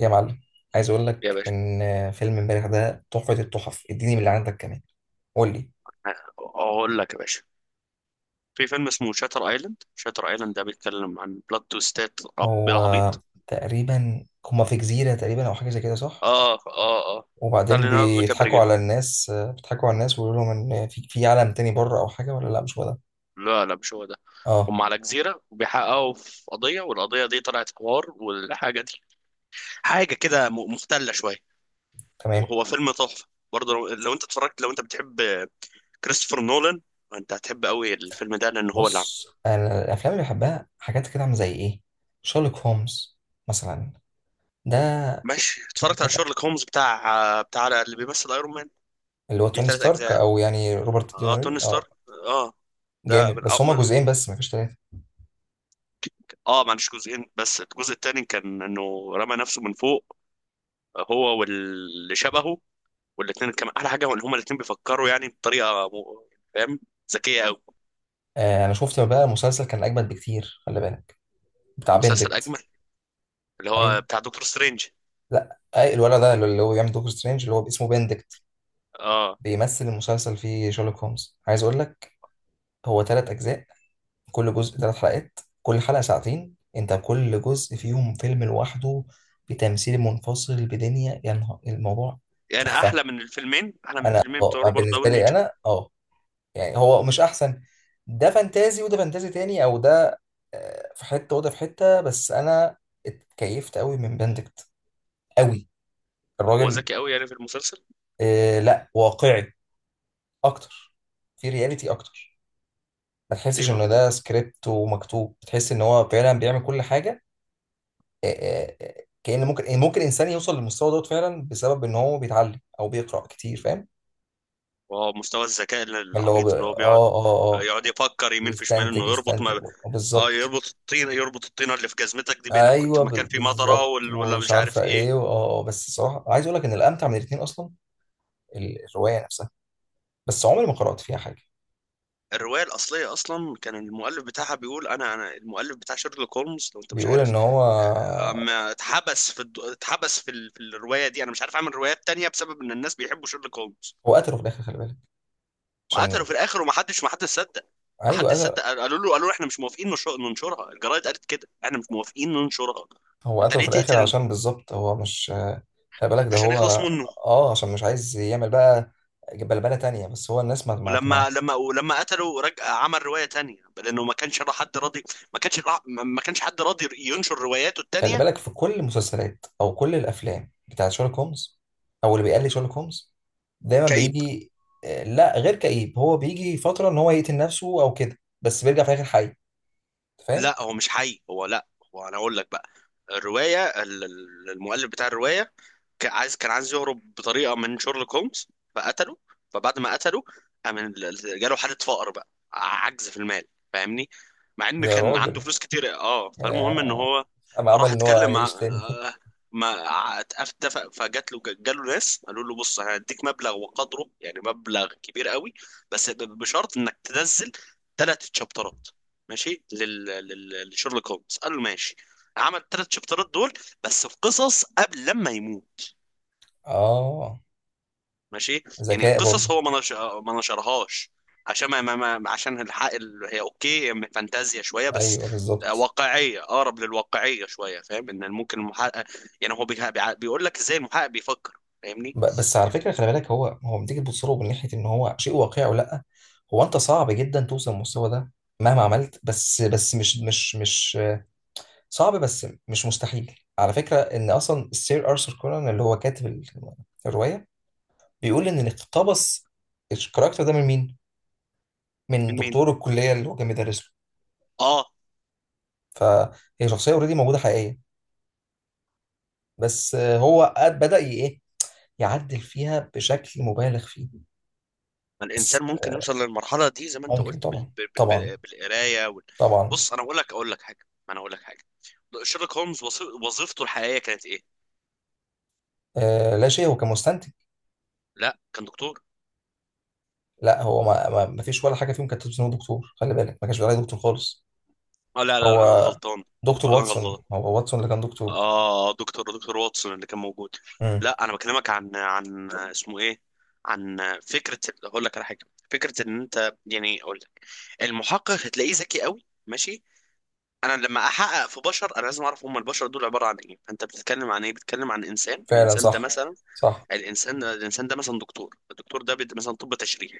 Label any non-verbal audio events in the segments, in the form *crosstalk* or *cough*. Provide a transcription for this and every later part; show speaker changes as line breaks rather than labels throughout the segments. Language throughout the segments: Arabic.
يا معلم، عايز اقول
يا
لك
باشا،
ان فيلم امبارح ده تحفة التحف. اديني من اللي عندك كمان. قول لي.
اقول لك يا باشا، في فيلم اسمه شاتر ايلاند. شاتر ايلاند ده بيتكلم عن بلوت تويستات رب
هو
العبيط.
تقريبا هما في جزيرة تقريبا او حاجة زي كده، صح؟
اه، اه، اه. بتاع
وبعدين
ليوناردو
بيضحكوا
كابريجا.
على الناس، بيضحكوا على الناس ويقولوا لهم ان في عالم تاني بره او حاجة، ولا لا مش هو ده؟
لا، لا، مش هو ده.
اه،
هم على جزيرة وبيحققوا في قضية، والقضية دي طلعت حوار، والحاجة دي حاجة كده مختلة شوية،
تمام.
وهو فيلم تحفة. برضه لو انت اتفرجت، لو انت بتحب كريستوفر نولان، انت هتحب قوي الفيلم ده لان هو اللي عامله.
بص، انا الافلام اللي بحبها حاجات كده عاملة زي ايه؟ شارلوك هومز مثلا، ده
ماشي، اتفرجت على شيرلوك هومز بتاع اللي بيمثل ايرون مان.
اللي هو
دي
توني
ثلاث
ستارك،
اجزاء.
او يعني روبرت
اه، توني
دينيري، اه.
ستارك. اه. ده
جامد،
من
بس
أو
هما
من.
جزئين بس، مفيش تلاتة.
اه، ما عنديش جزئين، بس الجزء الثاني كان انه رمى نفسه من فوق، هو واللي شبهه. والاثنين كان احلى حاجه ان هما الاثنين بيفكروا يعني بطريقه فاهم، ذكيه قوي.
انا شفت بقى مسلسل كان اجمد بكتير، خلي بالك، بتاع
مسلسل
بندكت.
اجمل، اللي
ايوه.
هو بتاع دكتور سترينج.
لا، أي الولد ده اللي هو بيعمل دكتور سترينج اللي هو اسمه بندكت،
اه،
بيمثل المسلسل فيه شارلوك هومز. عايز اقول لك، هو 3 اجزاء، كل جزء 3 حلقات، كل حلقه ساعتين. انت كل جزء فيهم فيلم لوحده بتمثيل منفصل، بدنيا يا نهار الموضوع.
يعني
تحفه.
احلى من الفيلمين، احلى من
انا
الفيلمين
اه
بتوع روبرت
بالنسبه
داوني
لي
جر.
انا اه، يعني هو مش احسن. ده فانتازي وده فانتازي تاني، او ده في حته وده في حته، بس انا اتكيفت قوي من بندكت، قوي،
هو
الراجل.
ذكي قوي يعني في المسلسل.
آه لا، واقعي اكتر، في رياليتي اكتر. ما
ليه؟
تحسش
ما
انه
هو
ده سكريبت ومكتوب، تحس ان هو فعلا بيعمل كل حاجه. كأن ممكن ممكن انسان يوصل للمستوى دوت فعلا بسبب ان هو بيتعلم او بيقرأ كتير، فاهم؟
هو مستوى الذكاء
اللي هو ب...
العبيط اللي هو بيقعد
اه اه اه
يقعد يفكر يمين في شمال، انه
بيستنتج،
يربط
يستنتج،
ما. اه
بالظبط.
يربط الطين، يربط الطينه اللي في جزمتك دي بانك كنت
ايوه
في مكان فيه مطره،
بالظبط،
ولا
ومش
مش
عارفه
عارف ايه.
ايه بس الصراحه عايز اقول لك ان الامتع من الاثنين اصلا الروايه نفسها، بس عمري ما قرات فيها حاجه.
الروايه الاصليه اصلا كان المؤلف بتاعها بيقول: انا المؤلف بتاع شيرلوك هولمز، لو انت مش
بيقول
عارف.
ان هو،
اما اتحبس في الد... اتحبس في, ال... في الروايه دي انا مش عارف اعمل روايات تانية بسبب ان الناس بيحبوا شيرلوك هولمز.
هو قتله في الاخر، خلي بالك،
وقتلوا
عشان.
في الاخر، ومحدش صدق.
ايوه،
محدش
قتل.
صدق، قالوا له احنا مش موافقين ننشرها. الجرايد قالت كده: احنا مش موافقين ننشرها.
هو
انت
قتله
ليه
في الاخر
تقتل؟
عشان بالظبط هو مش. خلي بالك ده
عشان
هو.
يخلص منه.
اه، عشان مش عايز يعمل بقى بلبله تانية، بس هو الناس ما.
ولما قتله رجع عمل رواية تانية لأنه ما كانش حد راضي. ما كانش حد راضي ينشر رواياته
خلي
التانية.
بالك، في كل المسلسلات او كل الافلام بتاعت شارلوك هومز او اللي بيقلد شارلوك هومز، دايما
كئيب.
بيجي. لا، غير كئيب، هو بيجي فتره ان هو يقتل نفسه او كده، بس بيرجع في الاخر حي. أنت فاهم؟
لا، هو مش حي، هو لا. هو، أنا أقول لك بقى، الرواية المؤلف بتاع الرواية كان عايز يهرب بطريقه من شيرلوك هولمز فقتله. فبعد ما قتله قام جاله حاله فقر، بقى عجز في المال. فاهمني؟ مع ان
يا
كان عنده
راجل،
فلوس كتير. اه،
يا،
فالمهم ان هو
اما عمل
راح
ان هو
اتكلم مع،
يعيش تاني.
ما اتفق. فجات له، جاله ناس قالوا له: بص، انا هديك مبلغ وقدره، يعني مبلغ كبير قوي، بس بشرط انك تنزل ثلاث شابترات. ماشي لشيرلوك هولمز. قال له ماشي. عمل ثلاث شابترات دول، بس في قصص قبل لما يموت.
*laughs* اه،
ماشي. يعني
ذكاء برضه.
القصص هو ما نشرهاش عشان عشان الحق هي اوكي، من فانتازيا شويه بس،
ايوه، بالظبط.
واقعيه، اقرب للواقعيه شويه. فاهم ان ممكن المحقق، يعني هو بيقول لك ازاي المحقق بيفكر. فاهمني؟
بس على فكره، خلي بالك هو، لما تيجي تبص له من ناحيه ان هو شيء واقعي او لا، هو انت صعب جدا توصل للمستوى ده مهما عملت، بس بس مش صعب، بس مش مستحيل. على فكرة ان اصلا السير ارثر كونان اللي هو كاتب الرواية، بيقول ان اللي اقتبس الكاركتر ده من مين؟ من
من مين؟
دكتور الكلية اللي هو كان بيدرس له.
اه.
فهي شخصية اوريدي موجودة حقيقية، بس هو قد- بدأ ي- ايه يعدل فيها بشكل مبالغ فيه.
ما
بس
الانسان ممكن يوصل للمرحله دي زي ما انت
ممكن،
قلت
طبعا طبعا
بالقرايه
طبعا.
بص، انا اقول لك حاجه، ما انا اقول لك حاجه. شيرلوك هولمز وظيفته الحقيقيه كانت ايه؟
آه لا شيء، هو كان مستنتج.
لا، كان دكتور.
لا، هو ما فيش ولا حاجة فيهم كانت تثبت ان هو دكتور، خلي بالك، ما كانش بيقول عليه دكتور خالص.
اه، لا لا لا، انا
هو
الغلطان.
دكتور
انا غلطان.
واتسون، هو واتسون اللي كان دكتور.
اه، دكتور واتسون اللي كان موجود.
مم.
لا، انا بكلمك عن اسمه ايه، عن فكره. اقول لك على حاجه. فكره ان انت، يعني اقول لك، المحقق هتلاقيه ذكي قوي. ماشي، انا لما احقق في بشر، انا لازم اعرف هم البشر دول عباره عن ايه. فانت بتتكلم عن ايه؟ بتتكلم عن انسان.
فعلا،
الانسان ده
صح
مثلا،
صح.
الانسان الانسان ده مثلا دكتور، الدكتور ده مثلا طب تشريح.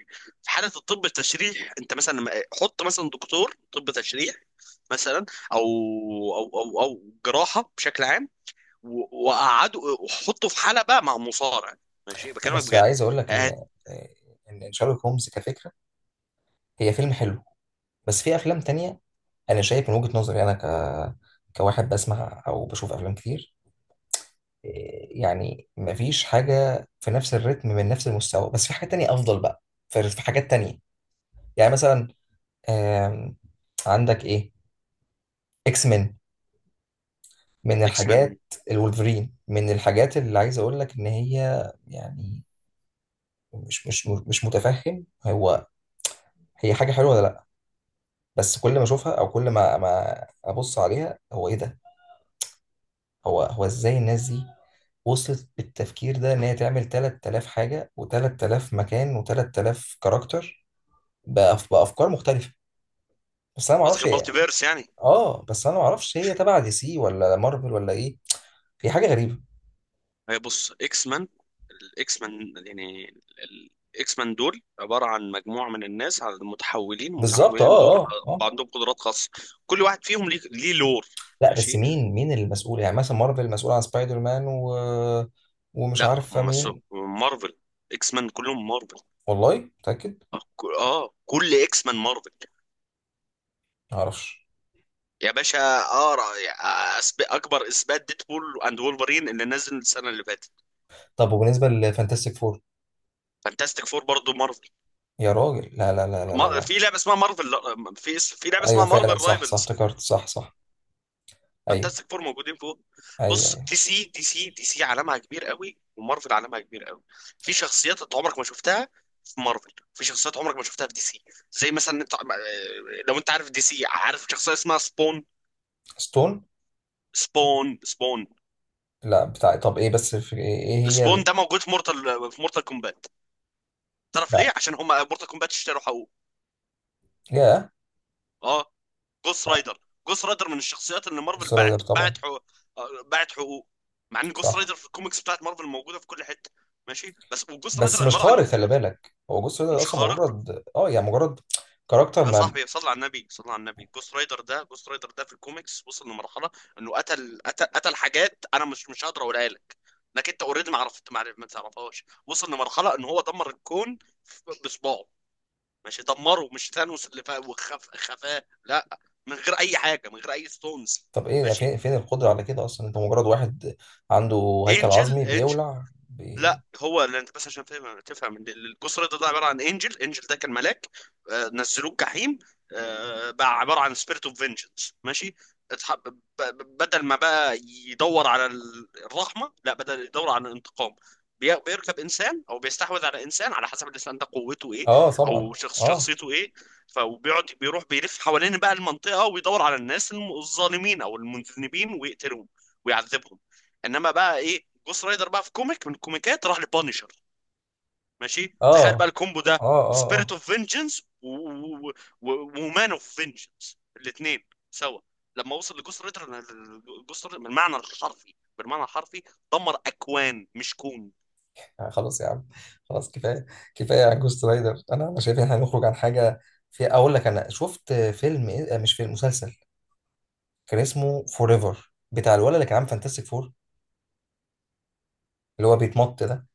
في حاله الطب التشريح، انت مثلا حط مثلا دكتور طب تشريح، مثلا، او جراحه بشكل عام، وقعدوا وحطوا في حلبة مع مصارع. ماشي،
لا،
بكلمك
بس
بجد.
عايز اقول لك
هات.
ان إن شارلوك هومز كفكره، هي فيلم حلو، بس في افلام تانية انا شايف من وجهه نظري انا كواحد بسمع او بشوف افلام كتير، يعني مفيش حاجه في نفس الريتم من نفس المستوى، بس في حاجه تانية افضل بقى، في في حاجات تانية. يعني مثلا، آم، عندك ايه، اكس مان، من
اكس مان؟
الحاجات، الولفرين، من الحاجات اللي عايز اقول لك ان هي، يعني مش متفهم هو هي حاجه حلوه ولا لا. بس كل ما اشوفها او كل ما ابص عليها، هو ايه ده؟ هو ازاي الناس دي وصلت بالتفكير ده ان هي تعمل 3000 حاجه و3000 مكان و3000 كاركتر بافكار مختلفه. بس انا ما
قصدك
اعرفش هي،
المالتي فيرس يعني.
اه بس انا ما اعرفش هي تبع دي سي ولا مارفل ولا ايه، هي حاجه غريبه.
هي بص، اكس مان، الاكس مان يعني الاكس مان دول عبارة عن مجموعة من الناس، على المتحولين.
بالظبط،
المتحولين دول عندهم قدرات خاصة، كل واحد فيهم ليه لور.
لا بس
ماشي،
مين المسؤول؟ يعني مثلا مارفل مسؤول عن سبايدر مان و... ومش
لا،
عارف
هم مسوا
مين.
مارفل. اكس مان كلهم مارفل.
والله متاكد؟
اه، كل اكس مان مارفل.
ما اعرفش.
يا باشا اقرا، اكبر اثبات ديدبول اند وولفرين اللي نزل السنه اللي فاتت.
طب وبالنسبه لفانتاستيك فور؟
فانتاستيك فور برضه مارفل.
يا راجل، لا لا لا لا لا لا.
في لعبه اسمها مارفل، في لعبه اسمها
ايوه
مارفل
فعلا، صح صح،
رايفلز،
افتكرت، صح صح. ايوه
فانتاستيك فور موجودين فوق.
ايوه
بص،
ايوه.
دي سي عالمها كبير قوي، ومارفل عالمها كبير قوي. في شخصيات انت عمرك ما شفتها في مارفل، في شخصيات عمرك ما شفتها في دي سي. زي مثلا انت، لو انت عارف دي سي، عارف شخصيه اسمها سبون؟
ستون.
سبون، سبون.
لا، بتاع طب ايه، بس في ايه، إيه هي
سبون
ال...؟
ده موجود في مورتال، في مورتال كومبات. تعرف
لا،
ليه؟ عشان هم مورتال كومبات اشتروا حقوق.
يا،
اه، جوست
لا.
رايدر. جوست رايدر من الشخصيات اللي مارفل
جوست رايدر،
باعت
طبعا.
باعت حقوق، باعت حقوق، مع ان جوست
صح.
رايدر في الكوميكس بتاعت مارفل موجوده في كل حته. ماشي، بس وجوست
بس
رايدر
مش
عباره عن،
خارق، خلي بالك، هو جوست رايدر
مش
اصلا
خارق؟
مجرد اه يعني مجرد كاركتر
يا
ما.
صاحبي صلى على النبي، صلى على النبي، جوست رايدر ده، جوست رايدر ده في الكوميكس وصل لمرحله انه قتل، قتل، قتل حاجات انا مش مش هقدر اقولها لك، لكن انت اوريدي ما عرفت، ما تعرفهاش. وصل لمرحله ان هو دمر الكون بصباعه. ماشي، دمره. مش ثانوس اللي فا وخف خفاه، لا. من غير اي حاجه، من غير اي ستونز.
طب ايه يعني؟
ماشي.
فين القدره على كده اصلا؟ انت مجرد واحد عنده هيكل
انجل،
عظمي
انجل.
بيولع بي...
لا، هو اللي انت، بس عشان تفهم، تفهم إن الجسر ده عباره عن، انجل، انجل ده كان ملاك، نزلوه جحيم، بقى عباره عن سبيريت اوف فينجنس. ماشي، بدل ما بقى يدور على الرحمه، لا، بدل يدور على الانتقام. بيركب انسان او بيستحوذ على انسان على حسب الانسان ده قوته ايه،
اه طبعا،
او شخص
اه
شخصيته ايه. فبيقعد بيروح بيلف حوالين بقى المنطقه ويدور على الناس الظالمين او المذنبين ويقتلهم ويعذبهم. انما بقى ايه، جوست رايدر بقى في كوميك من الكوميكات راح لبانيشر. ماشي، تخيل بقى
اه
الكومبو ده:
اه،
سبيريت
اه.
اوف فينجنس ومان اوف فينجنس، الاثنين سوا. لما وصل لجوست رايدر، جوست رايدر بالمعنى الحرفي، بالمعنى الحرفي، دمر اكوان مش كون.
خلاص يا عم، خلاص كفايه، كفايه عن جوست رايدر. انا انا شايف ان احنا نخرج عن حاجه. في اقول لك، انا شفت فيلم إيه؟ مش فيلم، مسلسل، كان اسمه فور ايفر، بتاع الولد اللي كان عامل فانتاستيك فور، اللي هو بيتمط ده.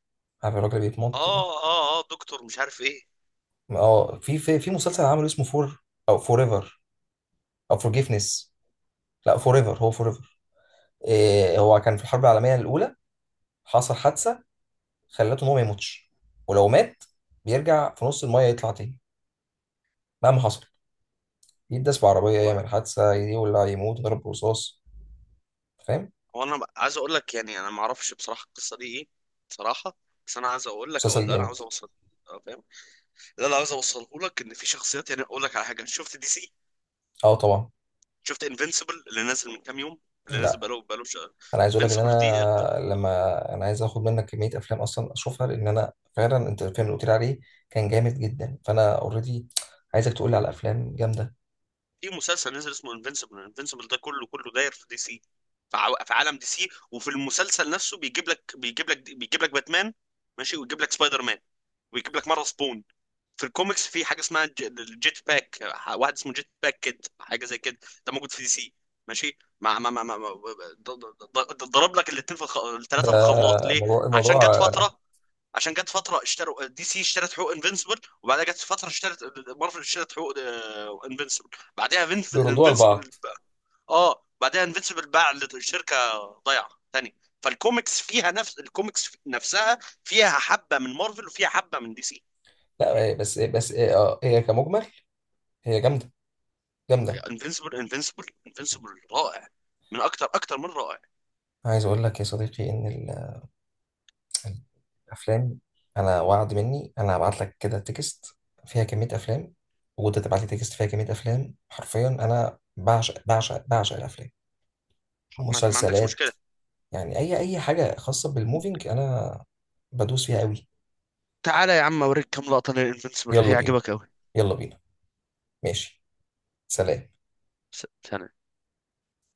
عارف الراجل اللي بيتمط ده؟
اه، اه، اه، دكتور مش عارف ايه.
اه، في مسلسل عمله اسمه فور، او فور ايفر، او فورجيفنس. لا فور ايفر، هو فور ايفر. إيه، هو كان في الحرب العالميه الاولى، حصل حادثه خلته ان هو ما يموتش، ولو مات بيرجع في نص المايه يطلع تاني، مهما حصل. يداس بعربية،
والله،
يعمل حادثة، يولع، يموت، يضرب برصاص. فاهم؟
هو، انا عايز اقول لك يعني انا ما اعرفش بصراحه القصه دي ايه. بصراحه، بس انا عايز اقول لك او
مسلسل
اللي انا
جامد.
عاوز اوصل، فاهم، اللي انا عاوز اوصله لك ان في شخصيات، يعني اقول لك على حاجه. شفت دي سي؟
اه طبعا.
شفت انفينسيبل اللي نازل من كام يوم، اللي نازل
لا
بقاله شهر؟
انا عايز اقول لك ان
انفينسيبل دي،
انا، لما انا عايز اخد منك كمية افلام اصلا اشوفها، لان انا فعلا انت الفيلم اللي قلت لي عليه كان جامد جدا، فانا اوريدي عايزك تقول لي على افلام جامدة.
في مسلسل نازل اسمه انفينسيبل. انفينسيبل ده كله كله داير في دي سي، في عالم دي سي. وفي المسلسل نفسه بيجيب لك باتمان، ماشي، ويجيب لك سبايدر مان، ويجيب لك مره سبون. في الكوميكس في حاجه اسمها الجيت باك، واحد اسمه جيت باك كيد، حاجه زي كده. ده موجود في دي سي. ماشي، ضرب لك الاثنين في
ده
الثلاثه في الخلاط ليه؟
موضوع
عشان جت
الموضوع.
فتره، اشتروا دي سي، اشترت حقوق انفنسبل. وبعدها جت فتره اشترت مارفل، اشترت حقوق انفنسبل. بعدها
بيردوها
انفنسبل،
لبعض.
اه، بعدها انفنسبل باع لشركه ضايعه تاني. فالكوميكس فيها، نفس الكوميكس نفسها فيها حبه من مارفل وفيها حبه من دي سي. ماشي،
لا بس بس، هي كمجمل هي جامدة، جامدة.
انفنسبل رائع، من اكتر، اكتر من رائع.
عايز اقول لك يا صديقي ان ال افلام، انا وعد مني انا هبعت لك كده تكست فيها كميه افلام، وانت تبعت لي تكست فيها كميه افلام. حرفيا انا بعشق بعشق بعشق الافلام،
ما عندكش
مسلسلات،
مشكله.
يعني اي اي حاجه خاصه بالموفينج انا بدوس فيها قوي.
تعالى يا عم اوريك كام لقطه للانفنسبل،
يلا بينا،
هيعجبك قوي.
يلا بينا. ماشي، سلام.
ثانية